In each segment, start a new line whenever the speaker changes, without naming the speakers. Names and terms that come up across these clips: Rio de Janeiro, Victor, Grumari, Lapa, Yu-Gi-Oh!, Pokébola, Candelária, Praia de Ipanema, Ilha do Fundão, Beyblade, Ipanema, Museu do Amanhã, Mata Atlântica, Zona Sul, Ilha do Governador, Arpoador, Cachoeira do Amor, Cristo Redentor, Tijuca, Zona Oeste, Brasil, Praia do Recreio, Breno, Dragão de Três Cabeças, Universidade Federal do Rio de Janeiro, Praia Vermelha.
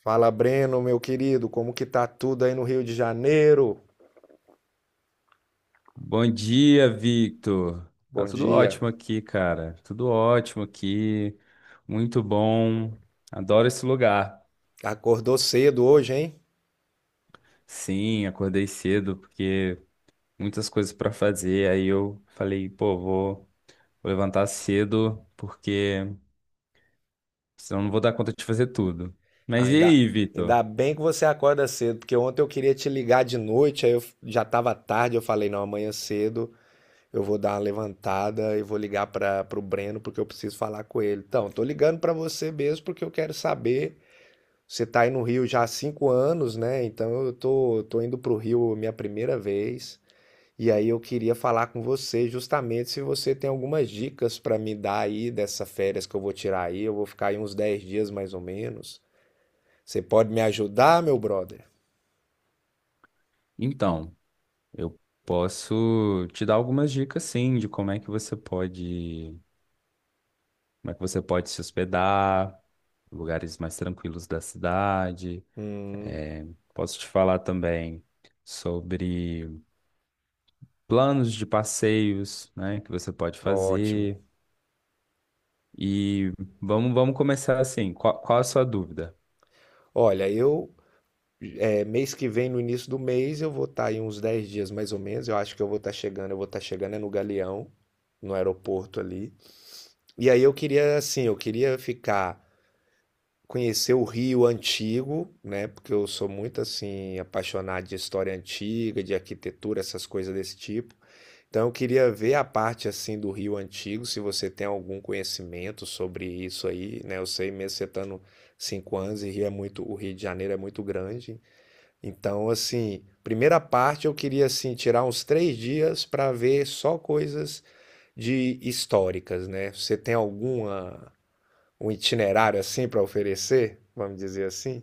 Fala, Breno, meu querido, como que tá tudo aí no Rio de Janeiro?
Bom dia, Victor. Tá
Bom
tudo
dia.
ótimo aqui, cara. Tudo ótimo aqui. Muito bom. Adoro esse lugar.
Acordou cedo hoje, hein?
Sim, acordei cedo porque muitas coisas para fazer. Aí eu falei, pô, vou levantar cedo porque senão não vou dar conta de fazer tudo.
Ah,
Mas e
Ainda,
aí, Victor?
ainda bem que você acorda cedo, porque ontem eu queria te ligar de noite, aí já tava tarde, eu falei, não, amanhã cedo eu vou dar uma levantada e vou ligar para pro Breno porque eu preciso falar com ele. Então, tô ligando para você mesmo porque eu quero saber. Você tá aí no Rio já há 5 anos, né? Então eu tô indo pro Rio minha primeira vez. E aí eu queria falar com você justamente se você tem algumas dicas para me dar aí dessas férias que eu vou tirar aí. Eu vou ficar aí uns 10 dias mais ou menos. Você pode me ajudar, meu brother?
Então, eu posso te dar algumas dicas, sim, de como é que você pode se hospedar, lugares mais tranquilos da cidade.
Hum,
É, posso te falar também sobre planos de passeios, né, que você pode
ótimo.
fazer. E vamos começar assim. Qual a sua dúvida?
Olha, mês que vem, no início do mês, eu vou estar aí uns 10 dias mais ou menos. Eu acho que eu vou estar chegando é no Galeão, no aeroporto ali. E aí eu queria ficar Conhecer o Rio antigo, né? Porque eu sou muito assim apaixonado de história antiga, de arquitetura, essas coisas desse tipo. Então eu queria ver a parte assim do Rio antigo, se você tem algum conhecimento sobre isso aí, né? Eu sei mesmo você estando 5 anos e o Rio de Janeiro é muito grande. Então assim, primeira parte eu queria assim tirar uns três dias para ver só coisas de históricas, né? Você tem alguma um itinerário assim para oferecer, vamos dizer assim?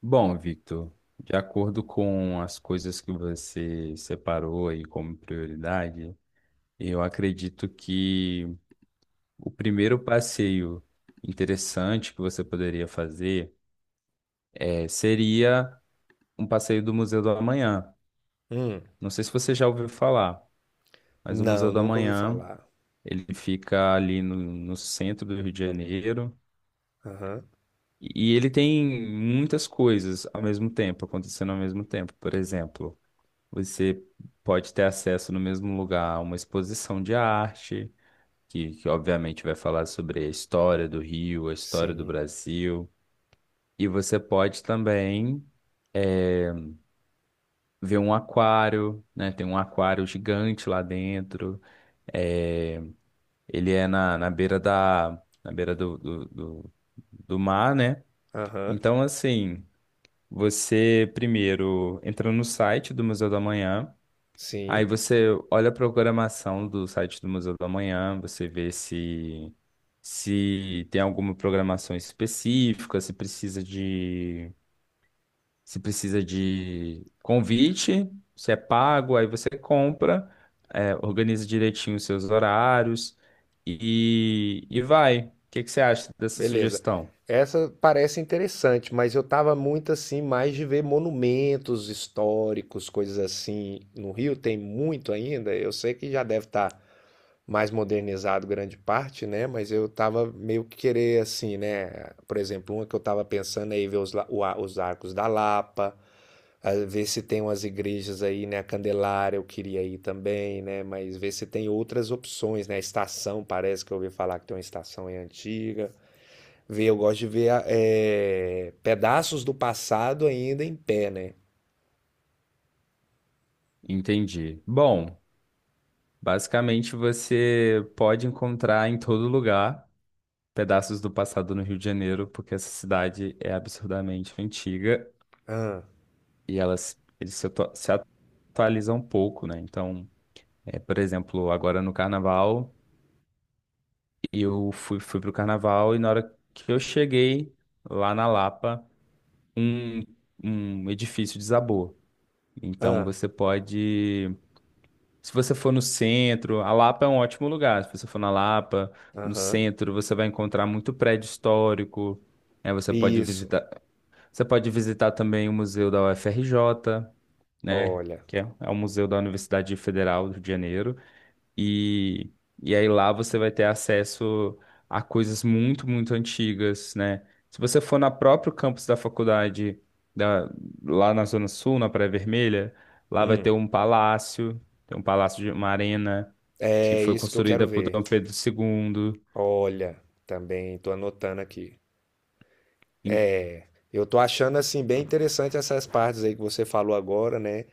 Bom, Victor, de acordo com as coisas que você separou aí como prioridade, eu acredito que o primeiro passeio interessante que você poderia fazer seria um passeio do Museu do Amanhã.
Hum,
Não sei se você já ouviu falar, mas o Museu
não,
do
nunca ouvi
Amanhã,
falar.
ele fica ali no centro do Rio de Janeiro,
Aham,
e ele tem muitas coisas ao mesmo tempo, acontecendo ao mesmo tempo. Por exemplo, você pode ter acesso no mesmo lugar a uma exposição de arte, que obviamente vai falar sobre a história do Rio, a história do
sim.
Brasil. E você pode também eh, ver um aquário, né? Tem um aquário gigante lá dentro. É, ele é na beira do mar, né?
Aham,
Então, assim, você primeiro entra no site do Museu da Manhã, aí
sim.
você olha a programação do site do Museu da Manhã, você vê se tem alguma programação específica, se precisa de você precisa de convite, você é pago, aí você compra, é, organiza direitinho os seus horários e vai. O que que você acha dessa
Beleza.
sugestão?
Essa parece interessante, mas eu tava muito assim, mais de ver monumentos históricos, coisas assim. No Rio tem muito ainda, eu sei que já deve estar mais modernizado grande parte, né? Mas eu tava meio que querer assim, né? Por exemplo, uma que eu tava pensando aí ver os, la- o a- os arcos da Lapa, ah, ver se tem umas igrejas aí, né? A Candelária eu queria ir também, né? Mas ver se tem outras opções, né? A estação, parece que eu ouvi falar que tem uma estação aí antiga. Ver, eu gosto de ver pedaços do passado ainda em pé, né?
Entendi. Bom, basicamente você pode encontrar em todo lugar pedaços do passado no Rio de Janeiro, porque essa cidade é absurdamente antiga
Ah,
e elas eles se atualizam um pouco, né? Então, é, por exemplo, agora no Carnaval. E eu fui pro carnaval, e na hora que eu cheguei lá na Lapa, um, um edifício desabou. Então
ah,
você pode, se você for no centro, a Lapa é um ótimo lugar. Se você for na Lapa, no
aham.
centro, você vai encontrar muito prédio histórico, né? Você pode
Isso,
visitar também o Museu da UFRJ, né?
olha.
Que é o Museu da Universidade Federal do Rio de Janeiro. E, e aí lá você vai ter acesso a coisas muito, muito antigas, né? Se você for na próprio campus da faculdade, da- lá na Zona Sul, na Praia Vermelha, lá vai
Hum,
ter um palácio, tem um palácio de uma arena que
é
foi
isso que eu quero
construída por
ver.
Dom Pedro II.
Olha, também estou anotando aqui.
E,
Eu estou achando assim bem interessante essas partes aí que você falou agora, né?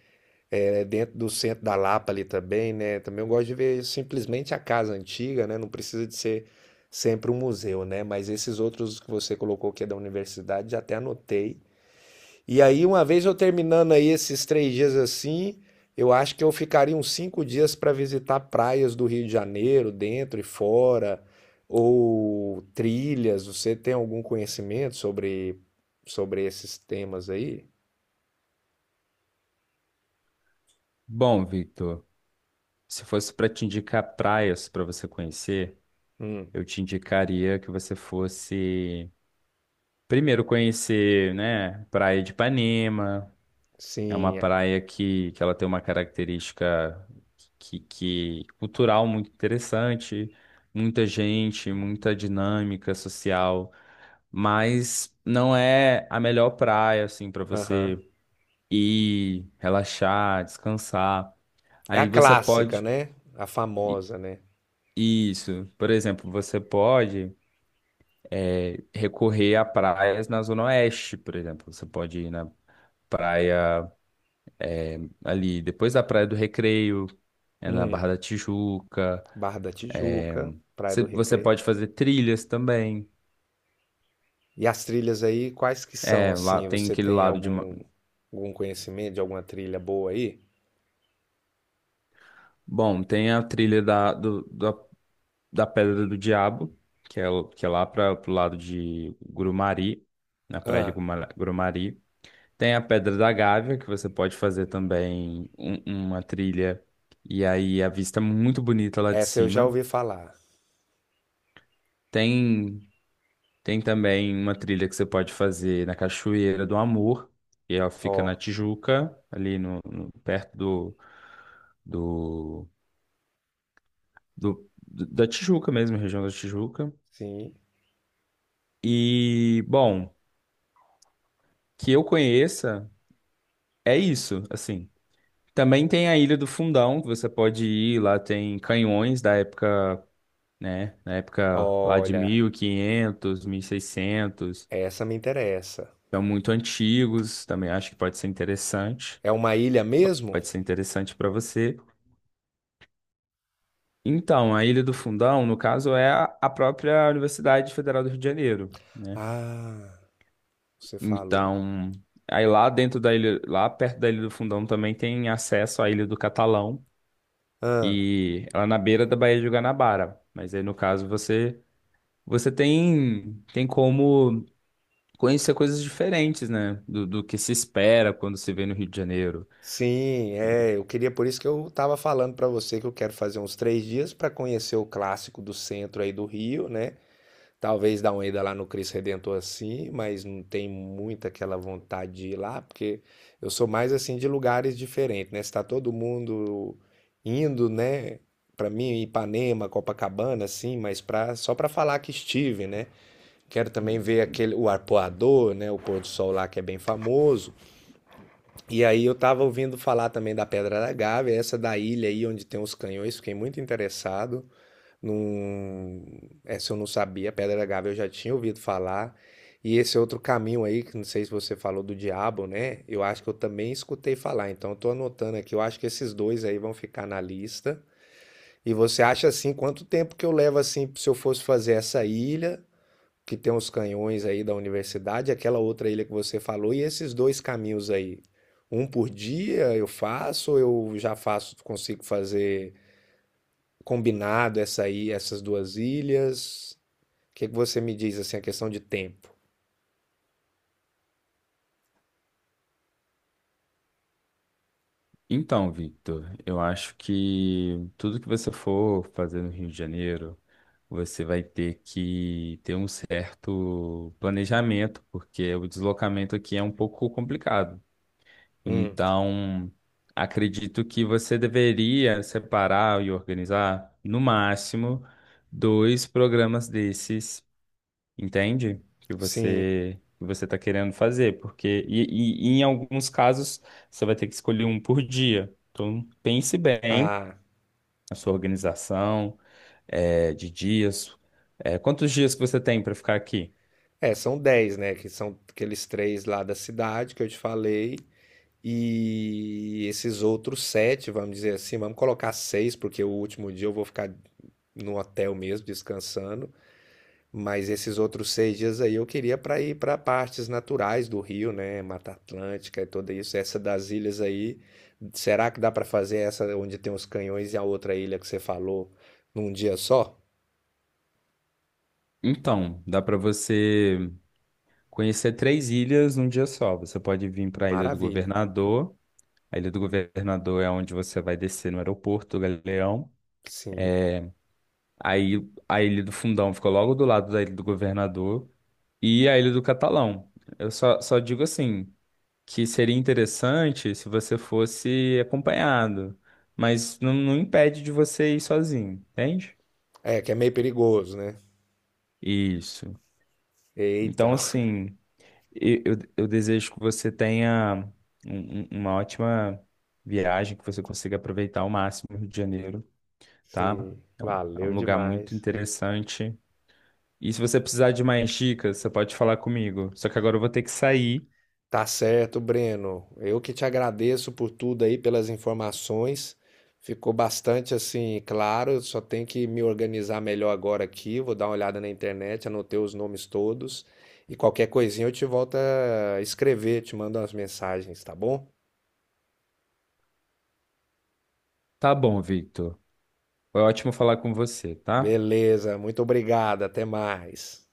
É, dentro do centro da Lapa ali também, né? Também eu gosto de ver simplesmente a casa antiga, né? Não precisa de ser sempre um museu, né? Mas esses outros que você colocou que é da universidade, já até anotei. E aí, uma vez eu terminando aí esses três dias assim, eu acho que eu ficaria uns 5 dias para visitar praias do Rio de Janeiro, dentro e fora, ou trilhas. Você tem algum conhecimento sobre esses temas aí?
bom, Victor, se fosse para te indicar praias para você conhecer,
Hum,
eu te indicaria que você fosse primeiro conhecer, né, Praia de Ipanema. É uma
sim, é,
praia que ela tem uma característica que cultural muito interessante, muita gente, muita dinâmica social, mas não é a melhor praia assim para
aham.
você ir, relaxar, descansar.
É a
Aí você
clássica,
pode
né? A
i-
famosa, né?
isso, por exemplo, você pode recorrer a praias na Zona Oeste, por exemplo, você pode ir na praia ali depois da Praia do Recreio, é na
Hum,
Barra da Tijuca.
Barra da
É,
Tijuca, Praia do
você
Recreio.
pode fazer trilhas também.
E as trilhas aí, quais que são
É, lá
assim?
tem
Você
aquele
tem
lado de.
algum conhecimento de alguma trilha boa aí?
Bom, tem a trilha da Pedra do Diabo, que é lá para pro lado de Grumari, na praia de
Ah,
Grumari. Tem a Pedra da Gávea, que você pode fazer também uma trilha. E aí a vista é muito bonita lá de
essa eu já
cima.
ouvi falar.
Tem. Tem também uma trilha que você pode fazer na Cachoeira do Amor, que ela fica na
Ó,
Tijuca, ali no, no- perto do, do, do- do- da Tijuca mesmo, região da Tijuca.
sim.
E, bom, que eu conheça, é isso, assim. Também tem a Ilha do Fundão, que você pode ir, lá tem canhões da época, né, na época lá de
Olha,
1500, seiscentos,
essa me interessa.
são muito antigos, também acho que pode ser interessante.
É uma ilha mesmo?
Para você. Então, a Ilha do Fundão, no caso, é a própria Universidade Federal do Rio de Janeiro, né?
Ah, você falou.
Então, aí lá dentro da ilha, lá perto da Ilha do Fundão também tem acesso à Ilha do Catalão,
Ah,
e ela é na beira da Baía de Guanabara. Mas aí, no caso, você tem como conhecer coisas diferentes, né? Do que se espera quando se vê no Rio de Janeiro.
sim, é. Eu queria, por isso que eu estava falando para você que eu quero fazer uns três dias para conhecer o clássico do centro aí do Rio, né? Talvez dá uma ida lá no Cristo Redentor assim, mas não tem muita aquela vontade de ir lá, porque eu sou mais assim de lugares diferentes, né? Está todo mundo indo, né? Para mim, Ipanema, Copacabana, assim, mas pra, só para falar que estive, né? Quero também ver aquele o arpoador, né? O pôr do sol lá que é bem famoso. E aí eu tava ouvindo falar também da Pedra da Gávea, essa da ilha aí onde tem os canhões, fiquei muito interessado. Não... Essa eu não sabia, Pedra da Gávea eu já tinha ouvido falar. E esse é outro caminho aí, que não sei se você falou do diabo, né? Eu acho que eu também escutei falar. Então eu tô anotando aqui, eu acho que esses dois aí vão ficar na lista. E você acha assim, quanto tempo que eu levo assim, se eu fosse fazer essa ilha, que tem os canhões aí da universidade, aquela outra ilha que você falou, e esses dois caminhos aí? Um por dia eu faço, ou consigo fazer combinado essa aí, essas duas ilhas? O que que você me diz assim, a questão de tempo?
Então, Victor, eu acho que tudo que você for fazer no Rio de Janeiro, você vai ter que ter um certo planejamento, porque o deslocamento aqui é um pouco complicado.
Hum,
Então, acredito que você deveria separar e organizar, no máximo, dois programas desses, entende? Que
sim.
você que você está querendo fazer, porque e em alguns casos você vai ter que escolher um por dia. Então pense bem
Ah,
na sua organização, é, de dias. É, quantos dias que você tem para ficar aqui?
é, são 10 né? Que são aqueles três lá da cidade que eu te falei. E esses outros 7, vamos dizer assim, vamos colocar 6, porque o último dia eu vou ficar no hotel mesmo, descansando. Mas esses outros 6 dias aí eu queria para ir para partes naturais do Rio, né? Mata Atlântica e tudo isso. Essa das ilhas aí, será que dá para fazer essa onde tem os canhões e a outra ilha que você falou num dia só?
Então, dá para você conhecer três ilhas num dia só. Você pode vir para a Ilha do
Maravilha.
Governador. A Ilha do Governador é onde você vai descer no aeroporto do Galeão.
Sim.
Aí a Ilha do Fundão fica logo do lado da Ilha do Governador e a Ilha do Catalão. Eu só digo assim, que seria interessante se você fosse acompanhado, mas não impede de você ir sozinho, entende?
É, que é meio perigoso, né?
Isso. Então,
Eita.
assim, eu desejo que você tenha uma ótima viagem, que você consiga aproveitar ao máximo o Rio de Janeiro, tá?
Sim.
É um, é
Valeu
um lugar muito
demais.
interessante. E se você precisar de mais dicas, você pode falar comigo. Só que agora eu vou ter que sair.
Tá certo, Breno. Eu que te agradeço por tudo aí, pelas informações. Ficou bastante assim, claro. Eu Só tenho que me organizar melhor agora aqui. Vou dar uma olhada na internet, anotei os nomes todos. E qualquer coisinha eu te volto a escrever, te mando umas mensagens, tá bom?
Tá bom, Victor. Foi ótimo falar com você, tá?
Beleza, muito obrigado. Até mais.